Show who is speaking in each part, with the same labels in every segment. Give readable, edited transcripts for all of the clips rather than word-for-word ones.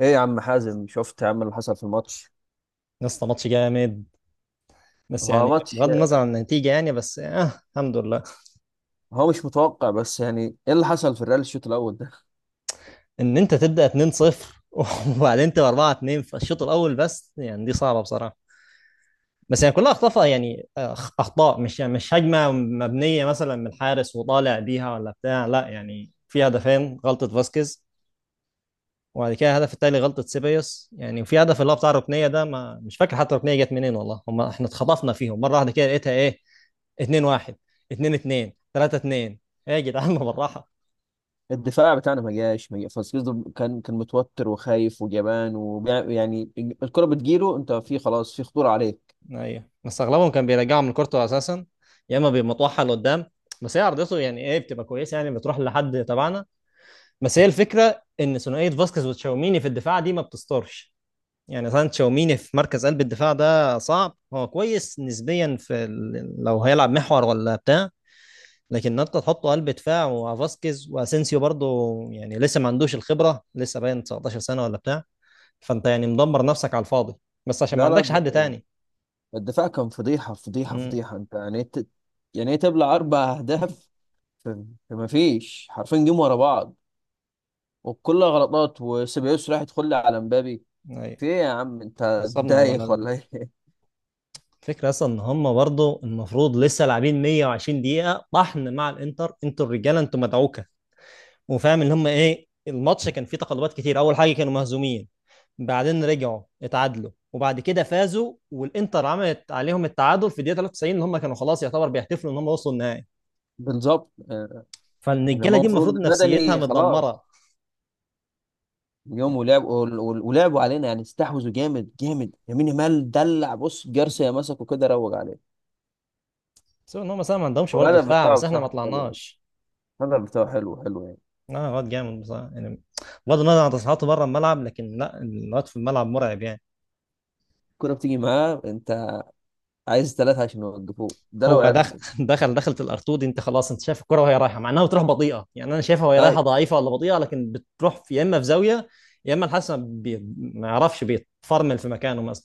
Speaker 1: ايه يا عم حازم، شفت يا عم اللي حصل في الماتش؟
Speaker 2: يا اسطى، ماتش جامد. بس
Speaker 1: هو
Speaker 2: يعني
Speaker 1: ماتش.
Speaker 2: بغض النظر عن النتيجه، يعني بس الحمد لله.
Speaker 1: هو مش متوقع، بس يعني ايه اللي حصل في الريال الشوط الاول ده؟
Speaker 2: ان انت تبدا 2-0 وبعدين تبقى 4-2 في الشوط الاول، بس يعني دي صعبه بصراحه. بس يعني كلها اخطاء، يعني اخطاء، مش يعني مش هجمه مبنيه مثلا من الحارس وطالع بيها ولا بتاع، لا يعني في هدفين غلطه فاسكيز. وبعد كده الهدف التالي غلطه سيبايوس يعني. وفي هدف اللي هو بتاع الركنيه ده، ما مش فاكر حتى الركنيه جت منين والله. هم احنا اتخطفنا فيهم مره واحده كده لقيتها ايه، 2-1، 2-2، 3-2. ايه يا جدعان بالراحه.
Speaker 1: الدفاع بتاعنا ما جاش فاسكيز. كان متوتر وخايف وجبان، ويعني الكرة بتجيله، انت في خلاص، في خطورة عليك.
Speaker 2: ايوه بس اغلبهم كان بيرجعوا من كورته اساسا. يا اما بيمطوحها لقدام، بس هي عرضته يعني ايه بتبقى كويسه يعني بتروح لحد تبعنا. بس هي الفكره ان ثنائيه فاسكيز وتشاوميني في الدفاع دي ما بتسترش. يعني مثلا تشاوميني في مركز قلب الدفاع ده صعب، هو كويس نسبيا في لو هيلعب محور ولا بتاع. لكن انت تحطه قلب دفاع، وفاسكيز واسينسيو برضه يعني لسه ما عندوش الخبره، لسه باين 19 سنه ولا بتاع. فانت يعني مدمر نفسك على الفاضي، بس عشان ما
Speaker 1: لا، لا.
Speaker 2: عندكش حد
Speaker 1: الدفاع
Speaker 2: تاني.
Speaker 1: الدفاع كان فضيحة فضيحة فضيحة. انت يعني إيه، يعني ايه تبلع اربع اهداف؟ في ما فيش حرفين جيم ورا بعض. وكلها غلطات، وسيبايوس راح يدخل لي على مبابي.
Speaker 2: امم.
Speaker 1: في ايه يا عم؟ انت
Speaker 2: نصبني والله، لا
Speaker 1: دايخ
Speaker 2: لا.
Speaker 1: ولا ايه؟
Speaker 2: الفكرة أصلا إن هم برضه المفروض لسه لاعبين 120 دقيقة طحن مع الإنتر، أنتوا الرجالة أنتوا مدعوكة. وفاهم إن هم إيه الماتش كان فيه تقلبات كتير، أول حاجة كانوا مهزومين، بعدين رجعوا اتعادلوا، وبعد كده فازوا، والإنتر عملت عليهم التعادل في الدقيقة 93، إن هم كانوا خلاص يعتبر بيحتفلوا إن هم وصلوا النهائي.
Speaker 1: بالظبط. يعني
Speaker 2: فالرجالة
Speaker 1: هما
Speaker 2: دي
Speaker 1: المفروض
Speaker 2: المفروض نفسيتها
Speaker 1: بدني خلاص
Speaker 2: متدمرة
Speaker 1: اليوم،
Speaker 2: يعني.
Speaker 1: ولعبوا علينا. يعني استحوذوا جامد جامد، يمين يامال دلع، بص جارسيا مسكه كده روج عليه.
Speaker 2: سواء إن هم مثلا ما عندهمش برضه
Speaker 1: الهدف
Speaker 2: دفاع،
Speaker 1: بتاعه
Speaker 2: بس إحنا ما
Speaker 1: بصراحة حلو.
Speaker 2: طلعناش.
Speaker 1: الهدف بتاعه حلو حلو يعني.
Speaker 2: لا الواد جامد بصراحة يعني. بغض النظر عن تصريحاته بره الملعب، لكن لا الواد في الملعب مرعب يعني.
Speaker 1: الكورة بتيجي معاه، انت عايز ثلاثة عشان يوقفوه ده لو
Speaker 2: هو دخل
Speaker 1: عرفوا.
Speaker 2: دخلت الارتو دي، انت خلاص، انت شايف الكرة وهي رايحة، مع انها بتروح بطيئة، يعني انا شايفها وهي
Speaker 1: اي.
Speaker 2: رايحة ضعيفة ولا بطيئة، لكن بتروح في يا اما في زاوية، يا اما الحسن ما يعرفش بيتفرمل في مكانه مثلا.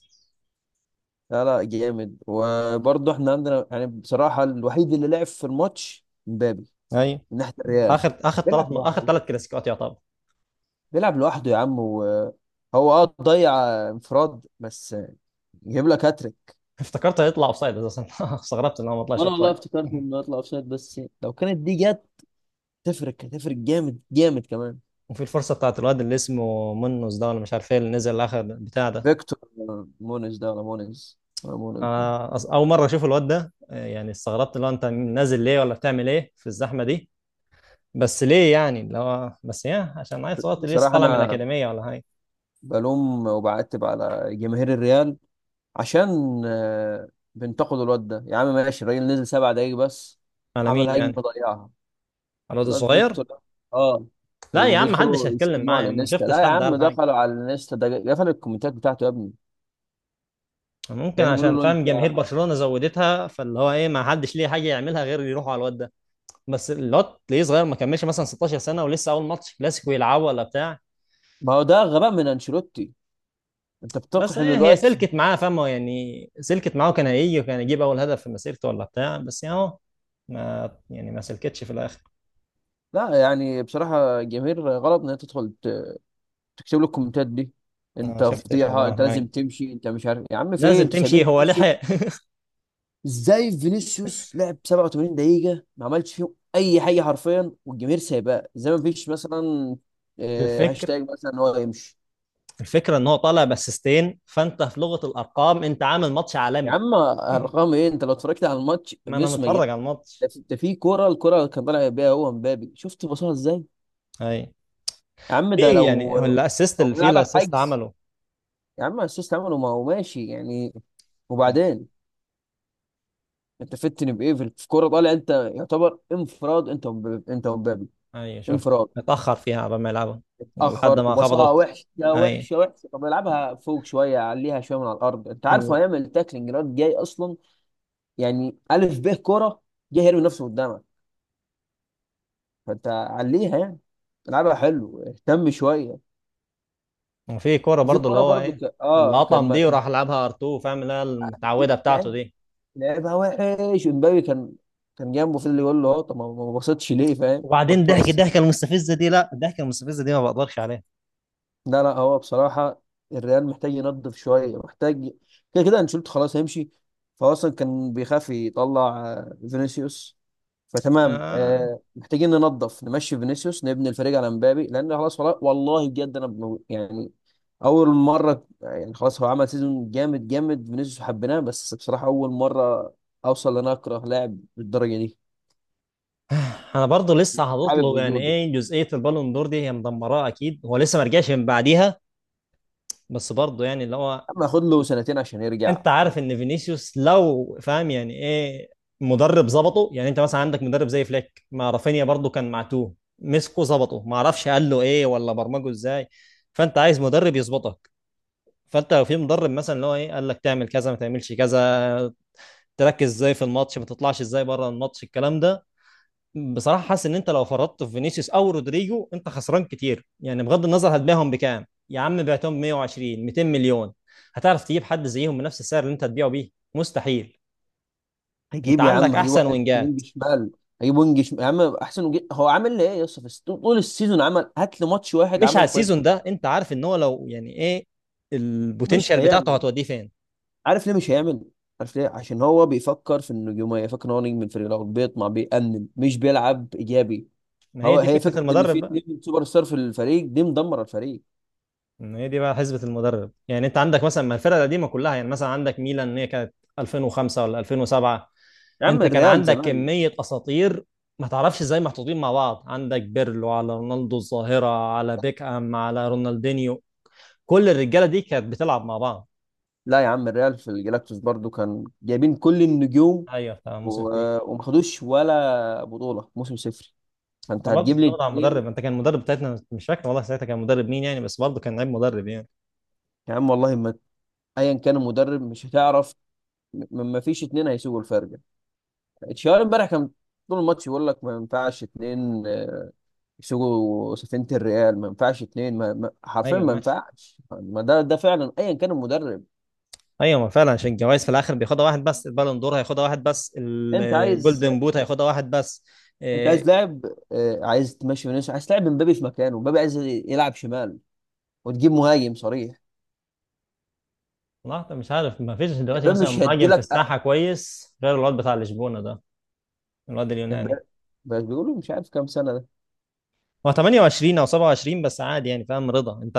Speaker 1: لا، لا، جامد. وبرضه احنا عندنا يعني بصراحة الوحيد اللي لعب في الماتش مبابي،
Speaker 2: ايوه،
Speaker 1: من ناحية الريال.
Speaker 2: اخر اخر ثلاث
Speaker 1: بيلعب
Speaker 2: اخر
Speaker 1: لوحده.
Speaker 2: ثلاث كلاسيكوات يعتبر.
Speaker 1: بيلعب لوحده يا عم، وهو اه ضيع انفراد بس، يجيب لك هاتريك.
Speaker 2: افتكرت هيطلع اوفسايد اساسا. استغربت ان هو ما طلعش
Speaker 1: وانا والله
Speaker 2: اوفسايد.
Speaker 1: افتكرت انه يطلع اوفسايد. بس لو كانت دي جت، تفرق، هتفرق جامد جامد كمان.
Speaker 2: وفي الفرصة بتاعت الواد اللي اسمه منوس ده، ولا مش عارف ايه اللي نزل اخر بتاع ده.
Speaker 1: فيكتور. مونيز ده، ولا مونيز، ولا مونيز ده.
Speaker 2: اول مره اشوف الواد ده، يعني استغربت، لو انت نازل ليه ولا بتعمل ايه في الزحمه دي؟ بس ليه يعني اللي هو بس يا عشان عيل صغير ليه
Speaker 1: بصراحة
Speaker 2: طالع من
Speaker 1: أنا
Speaker 2: الاكاديميه ولا حاجه؟
Speaker 1: بلوم وبعتب على جماهير الريال عشان آه، بنتقدوا الواد ده. يا عم ماشي، الراجل نزل 7 دقايق بس،
Speaker 2: على
Speaker 1: عمل
Speaker 2: مين
Speaker 1: هجمة
Speaker 2: يعني؟
Speaker 1: ضيعها
Speaker 2: على الواد
Speaker 1: الواد
Speaker 2: الصغير؟
Speaker 1: فيكتور ده. اه.
Speaker 2: لا يا عم محدش
Speaker 1: وبيدخلوا
Speaker 2: هيتكلم
Speaker 1: يشتموه
Speaker 2: معايا يا
Speaker 1: على
Speaker 2: عم، ما
Speaker 1: الانستا. لا
Speaker 2: شفتش
Speaker 1: يا
Speaker 2: حد
Speaker 1: عم،
Speaker 2: قال حاجه.
Speaker 1: دخلوا على الانستا، ده قفل الكومنتات بتاعته يا ابني.
Speaker 2: ممكن
Speaker 1: كانوا يعني بيقولوا
Speaker 2: عشان
Speaker 1: له
Speaker 2: فاهم
Speaker 1: انت.
Speaker 2: جماهير برشلونه زودتها، فاللي هو ايه ما حدش ليه حاجه يعملها غير يروحوا على الواد ده. بس الواد ليه صغير، ما كملش مثلا 16 سنه، ولسه اول ماتش كلاسيكو يلعبه ولا بتاع.
Speaker 1: ما هو ده غباء من انشيلوتي، انت
Speaker 2: بس
Speaker 1: بتقحم
Speaker 2: ايه هي
Speaker 1: الواد.
Speaker 2: سلكت معاه، فاهمه يعني، سلكت معاه كان هيجي وكان يجيب اول هدف في مسيرته ولا بتاع، بس يعني اهو، ما يعني ما سلكتش في الاخر.
Speaker 1: لا يعني بصراحة الجماهير غلط إن هي تكتب له الكومنتات دي.
Speaker 2: ما
Speaker 1: أنت
Speaker 2: شفتش
Speaker 1: فضيحة،
Speaker 2: والله
Speaker 1: أنت
Speaker 2: حاجه.
Speaker 1: لازم تمشي. أنت مش عارف يا عم في إيه؟
Speaker 2: لازم
Speaker 1: أنتوا
Speaker 2: تمشي،
Speaker 1: سايبين
Speaker 2: هو
Speaker 1: فينيسيوس.
Speaker 2: لحق.
Speaker 1: إزاي فينيسيوس لعب 87 دقيقة ما عملش فيهم أي حاجة حرفيا، والجماهير سايباه زي ما فيش مثلا
Speaker 2: الفكر
Speaker 1: هاشتاج مثلا إن هو يمشي؟
Speaker 2: الفكره ان هو طالع باسيستين، فانت في لغه الارقام انت عامل ماتش
Speaker 1: يا
Speaker 2: عالمي.
Speaker 1: عم أرقام إيه؟ أنت لو اتفرجت على الماتش
Speaker 2: ما انا
Speaker 1: فينيسيوس ميت.
Speaker 2: متفرج على
Speaker 1: ده
Speaker 2: الماتش.
Speaker 1: في ده في كورة، الكورة اللي كان طالع بيها هو مبابي، شفت بصها إزاي
Speaker 2: اي،
Speaker 1: يا عم؟ ده
Speaker 2: في يعني
Speaker 1: لو
Speaker 2: هو الاسيست اللي فيه
Speaker 1: بيلعبها
Speaker 2: الاسيست
Speaker 1: بحجز.
Speaker 2: عمله.
Speaker 1: يا عم اسيست عمله، ما هو ماشي يعني. وبعدين انت فتني بايه؟ في كوره طالع، انت يعتبر انفراد، انت ومبابي
Speaker 2: اي، شفت
Speaker 1: انفراد.
Speaker 2: اتاخر فيها قبل ما يلعبها لحد
Speaker 1: اتاخر
Speaker 2: ما
Speaker 1: وبصها
Speaker 2: خبطت.
Speaker 1: وحشه.
Speaker 2: اي،
Speaker 1: وحشه وحشه. طب العبها فوق شويه، عليها شويه من على الارض. انت عارف هو هيعمل تاكلينج؟ الواد جاي اصلا يعني الف ب كوره، جاي هيرمي نفسه قدامك، فانت عليها يعني، العبها حلو اهتم شويه.
Speaker 2: وفي كورة
Speaker 1: وفي
Speaker 2: برضو اللي
Speaker 1: كوره
Speaker 2: هو
Speaker 1: برضو
Speaker 2: ايه،
Speaker 1: ك...
Speaker 2: اللي
Speaker 1: اه كان
Speaker 2: قطم
Speaker 1: ما...
Speaker 2: دي وراح لعبها ار 2، فاهم اللي هي المتعودة بتاعته
Speaker 1: كان
Speaker 2: دي.
Speaker 1: لعبها وحش. امبابي كان جنبه، في اللي يقول له، طب ما بصيتش ليه فاهم؟ ما
Speaker 2: وبعدين ضحك
Speaker 1: تبص.
Speaker 2: الضحكه المستفزه دي، لا الضحكه المستفزه دي ما بقدرش عليها.
Speaker 1: لا، لا. هو بصراحه الريال محتاج ينظف شويه، محتاج. كده كده انشيلوتي خلاص هيمشي. فهو اصلا كان بيخاف يطلع فينيسيوس. فتمام.
Speaker 2: آه.
Speaker 1: محتاجين ننظف، نمشي فينيسيوس، نبني الفريق على مبابي. لان خلاص والله والله بجد انا يعني اول مره يعني. خلاص هو عمل سيزون جامد جامد فينيسيوس، حبيناه. بس بصراحه اول مره اوصل ان أنا اكره لاعب بالدرجه دي،
Speaker 2: انا برضو لسه
Speaker 1: حابب
Speaker 2: هتطلب يعني
Speaker 1: وجوده،
Speaker 2: ايه جزئية البالون دور دي، هي مدمراه اكيد، هو لسه ما رجعش من بعديها. بس برضو يعني اللي هو،
Speaker 1: اما خد له سنتين عشان يرجع.
Speaker 2: انت عارف ان فينيسيوس لو فاهم يعني ايه مدرب ظبطه. يعني انت مثلا عندك مدرب زي فليك مع رافينيا، برضو كان معتوه مسكه ظبطه، ما اعرفش قال له ايه ولا برمجه ازاي. فانت عايز مدرب يظبطك. فانت لو في مدرب مثلا اللي هو ايه قال لك تعمل كذا ما تعملش كذا، تركز ازاي في الماتش، ما تطلعش ازاي بره الماتش الكلام ده. بصراحه حاسس ان انت لو فرطت في فينيسيوس او رودريجو انت خسران كتير يعني. بغض النظر هتبيعهم بكام يا عم، بعتهم 120، 200 مليون، هتعرف تجيب حد زيهم بنفس السعر اللي انت هتبيعه بيه؟ مستحيل. انت
Speaker 1: هجيب يا
Speaker 2: عندك
Speaker 1: عم هجيب
Speaker 2: احسن
Speaker 1: واحد
Speaker 2: وينجات.
Speaker 1: وينج شمال. هجيب وينج شمال يا عم احسن هو عامل لي ايه يا اسطى في طول السيزون؟ عمل هات لي ماتش واحد
Speaker 2: مش على
Speaker 1: عمله كويس؟
Speaker 2: السيزون ده، انت عارف ان هو لو يعني ايه
Speaker 1: مش
Speaker 2: البوتنشال بتاعته
Speaker 1: هيعمل.
Speaker 2: هتوديه فين.
Speaker 1: عارف ليه مش هيعمل؟ عارف ليه؟ عشان هو بيفكر في النجوميه، يفكر ان هو نجم الفريق الاول، بيطمع، بيأنب، مش بيلعب ايجابي.
Speaker 2: ما هي دي
Speaker 1: هي
Speaker 2: فكره
Speaker 1: فكره ان في
Speaker 2: المدرب بقى.
Speaker 1: اتنين سوبر ستار في الفريق دي مدمره الفريق.
Speaker 2: إن هي دي بقى حسبة المدرب. يعني انت عندك مثلا ما الفرقة القديمة كلها، يعني مثلا عندك ميلان ان هي كانت 2005 ولا 2007،
Speaker 1: يا عم
Speaker 2: انت كان
Speaker 1: الريال
Speaker 2: عندك
Speaker 1: زمان.
Speaker 2: كمية اساطير، ما تعرفش ازاي محطوطين مع بعض، عندك بيرلو على رونالدو الظاهرة على بيكهام على رونالدينيو، كل الرجالة دي كانت بتلعب مع بعض.
Speaker 1: لا يا عم الريال في الجلاكتوس برضو كان جايبين كل النجوم،
Speaker 2: ايوه بتاع موسم فيه.
Speaker 1: وما خدوش ولا بطولة موسم صفر. فانت
Speaker 2: انا برضه
Speaker 1: هتجيب لي
Speaker 2: اتفرجت على
Speaker 1: اتنين؟
Speaker 2: المدرب، انت كان المدرب بتاعتنا مش فاكر والله ساعتها كان مدرب مين يعني، بس برضه كان لعيب مدرب يعني.
Speaker 1: يا عم والله ما، ايا كان المدرب مش هتعرف. م- ما فيش اتنين هيسوقوا الفرقة. تشاور امبارح كان طول الماتش يقول لك ما ينفعش اتنين، يسوقوا سفينة الريال. ما ينفعش اتنين، حرفيا
Speaker 2: ايوه
Speaker 1: ما
Speaker 2: ماشي.
Speaker 1: ينفعش. ما ده فعلا، ايا كان المدرب.
Speaker 2: ايوه ما فعلا، عشان الجوائز في الاخر بياخدها واحد بس، البالون دور هياخدها واحد بس،
Speaker 1: انت عايز
Speaker 2: الجولدن بوت هياخدها واحد بس.
Speaker 1: انت عايز
Speaker 2: إيه.
Speaker 1: لاعب، عايز تمشي فينيسيوس، عايز تلعب مبابي في مكانه. مبابي عايز يلعب شمال وتجيب مهاجم صريح.
Speaker 2: لحظه، مش عارف، ما فيش دلوقتي
Speaker 1: مبابي
Speaker 2: مثلا
Speaker 1: مش هيدي
Speaker 2: مهاجم في
Speaker 1: لك.
Speaker 2: الساحه كويس غير الواد بتاع لشبونه ده، الواد اليوناني.
Speaker 1: امبارح بس بيقولوا مش عارف كام سنة.
Speaker 2: هو 28 او 27، بس عادي يعني، فاهم رضا انت.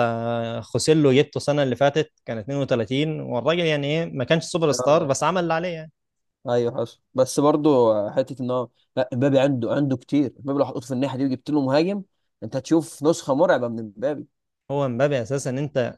Speaker 2: خوسيلو جبته السنه اللي فاتت كان 32، والراجل يعني ايه ما كانش سوبر ستار،
Speaker 1: اه،
Speaker 2: بس عمل اللي عليه يعني.
Speaker 1: ايوه حصل. بس برضو حته ان هو، لا امبابي عنده كتير. امبابي لو حطيته في الناحيه دي وجبت له مهاجم، انت هتشوف نسخه مرعبه من امبابي.
Speaker 2: هو مبابي اساسا، انت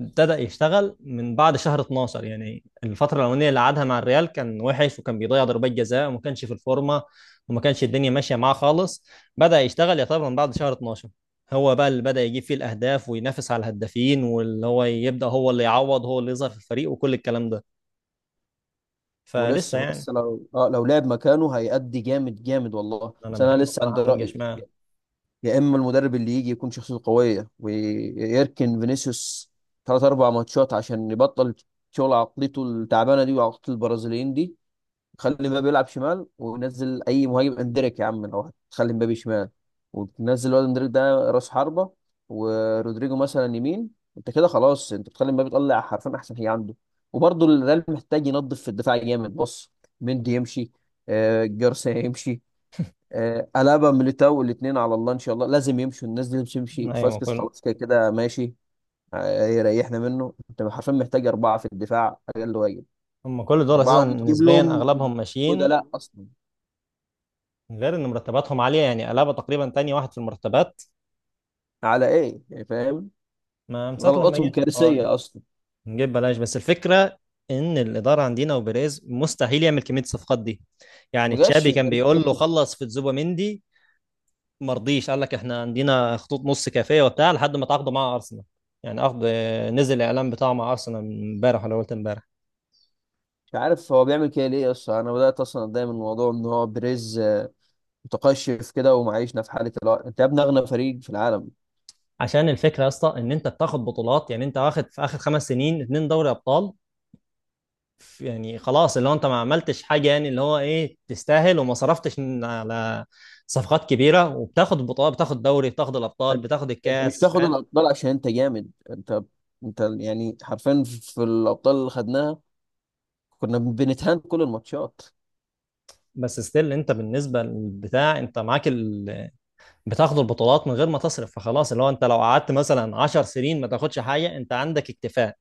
Speaker 2: ابتدى يشتغل من بعد شهر 12، يعني الفترة الأولانية اللي قعدها مع الريال كان وحش وكان بيضيع ضربات جزاء، وما كانش في الفورمة، وما كانش الدنيا ماشية معاه خالص. بدأ يشتغل يعتبر من بعد شهر 12، هو بقى اللي بدأ يجيب فيه الأهداف وينافس على الهدافين، واللي هو يبدأ هو اللي يعوض، هو اللي يظهر في الفريق وكل الكلام ده. فلسه
Speaker 1: ولسه
Speaker 2: يعني.
Speaker 1: ولسه لو لعب مكانه هيأدي جامد جامد والله.
Speaker 2: أنا
Speaker 1: بس انا
Speaker 2: بحبه
Speaker 1: لسه
Speaker 2: بصراحة
Speaker 1: عند
Speaker 2: وينج
Speaker 1: رأيي.
Speaker 2: شمال.
Speaker 1: يا اما المدرب اللي يجي يكون شخصيته قويه ويركن فينيسيوس ثلاث اربع ماتشات عشان يبطل شغل عقليته التعبانه دي وعقليه البرازيليين دي. خلي مبابي يلعب شمال، ونزل اي مهاجم اندريك يا عم. لو هتخلي مبابي شمال وتنزل الواد اندريك ده راس حربة، ورودريجو مثلا يمين، انت كده خلاص، انت بتخلي مبابي يطلع حرفيا احسن حاجة عنده. وبرضه الريال محتاج ينظف في الدفاع جامد. بص، مندي يمشي، آه جارسيا يمشي، آه ألابا، ميليتاو الاثنين على الله ان شاء الله لازم يمشوا. الناس دي لازم تمشي.
Speaker 2: أيوة ما
Speaker 1: فاسكس
Speaker 2: كل،
Speaker 1: خلاص كده كده ماشي. يريحنا منه. انت حرفيا محتاج اربعه في الدفاع اقل واجب،
Speaker 2: هم كل دول
Speaker 1: اربعه
Speaker 2: أساسا
Speaker 1: وتجيب
Speaker 2: نسبيا
Speaker 1: لهم
Speaker 2: أغلبهم ماشيين،
Speaker 1: بدلاء اصلا.
Speaker 2: غير إن مرتباتهم عالية، يعني ألابا تقريبا تاني واحد في المرتبات
Speaker 1: على ايه يعني فاهم؟
Speaker 2: ما من ساعة لما
Speaker 1: غلطاتهم
Speaker 2: جه هو.
Speaker 1: كارثيه اصلا.
Speaker 2: نجيب بلاش، بس الفكرة ان الإدارة عندنا وبيريز مستحيل يعمل كمية الصفقات دي. يعني
Speaker 1: ما جاش
Speaker 2: تشابي كان
Speaker 1: بريز.
Speaker 2: بيقول له خلص في تزوبيميندي، مرضيش، قال لك احنا عندنا خطوط نص كافية وبتاع، لحد ما تعاقدوا مع أرسنال. يعني عقد نزل الإعلان بتاعه مع أرسنال من امبارح، ولا قلت امبارح.
Speaker 1: مش عارف هو بيعمل كده ليه اصلا. انا بدات اصلا اتضايق من الموضوع ان هو بريز متقشف كده ومعيشنا في حاله. الوقت انت يا ابني اغنى فريق في العالم.
Speaker 2: عشان الفكرة يا اسطى ان انت بتاخد بطولات، يعني انت واخد في آخر 5 سنين اتنين دوري أبطال، يعني خلاص اللي هو انت ما عملتش حاجه، يعني اللي هو ايه تستاهل، وما صرفتش على صفقات كبيره وبتاخد بطولات، بتاخد دوري، بتاخد الابطال، بتاخد
Speaker 1: انت مش
Speaker 2: الكاس،
Speaker 1: بتاخد
Speaker 2: فاهم.
Speaker 1: الابطال عشان انت جامد. انت يعني حرفيا في الابطال اللي خدناها كنا بنتهان كل الماتشات.
Speaker 2: بس ستيل انت بالنسبه للبتاع انت معاك بتاخد البطولات من غير ما تصرف، فخلاص اللي هو انت لو قعدت مثلا 10 سنين ما تاخدش حاجه انت عندك اكتفاء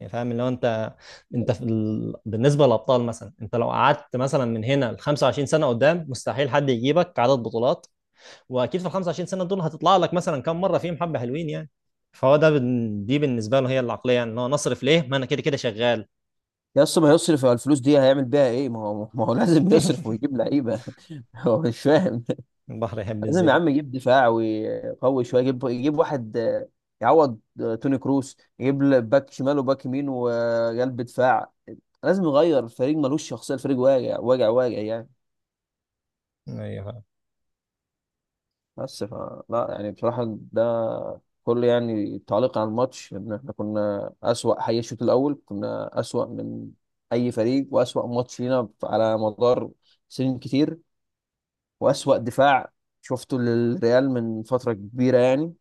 Speaker 2: يعني، فاهم اللي هو انت، انت في بالنسبه للابطال مثلا انت لو قعدت مثلا من هنا ل 25 سنه قدام مستحيل حد يجيبك عدد بطولات. واكيد في ال 25 سنه دول هتطلع لك مثلا كام مره فيهم حبه حلوين يعني. فهو دي بالنسبه له هي العقليه، يعني ان هو نصرف ليه ما انا كده كده شغال.
Speaker 1: يا اسطى ما يصرف. على الفلوس دي هيعمل بيها ايه؟ ما هو لازم يصرف ويجيب لعيبه. هو مش فاهم.
Speaker 2: البحر يحب
Speaker 1: لازم يا
Speaker 2: الزياده.
Speaker 1: عم يجيب دفاع ويقوي شويه، يجيب واحد يعوض توني كروس، يجيب باك شمال وباك يمين وقلب دفاع. لازم يغير الفريق، ملوش شخصيه. الفريق واجع واجع واجع يعني.
Speaker 2: ايوه فعلا.
Speaker 1: بس لا يعني بصراحه، ده كل يعني تعليق على الماتش ان احنا كنا اسوأ. حي الشوط الاول كنا اسوأ من اي فريق، واسوأ ماتش لينا على مدار سنين كتير، واسوأ دفاع شفته للريال من فتره كبيره يعني.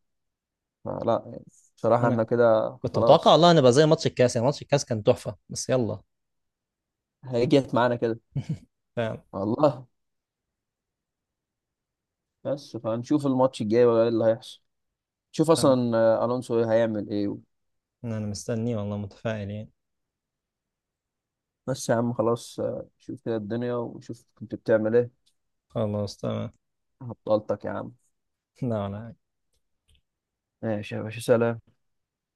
Speaker 1: فلا يعني بصراحة احنا
Speaker 2: انا
Speaker 1: كده
Speaker 2: كنت متوقع
Speaker 1: خلاص.
Speaker 2: والله ان بقى زي ماتش الكاس، يعني ماتش الكاس كان تحفه، بس يلا.
Speaker 1: هيجت معانا كده
Speaker 2: فعلا.
Speaker 1: والله. بس فهنشوف الماتش الجاي بقى ايه اللي هيحصل. شوف
Speaker 2: انا
Speaker 1: اصلا الونسو إيه هيعمل ايه
Speaker 2: أنا مستني والله متفائل يعني.
Speaker 1: بس يا عم خلاص شوف كده الدنيا وشوف كنت بتعمل ايه.
Speaker 2: خلاص تمام.
Speaker 1: هبطلتك يا عم.
Speaker 2: لا ولا
Speaker 1: ماشي يا باشا، سلام.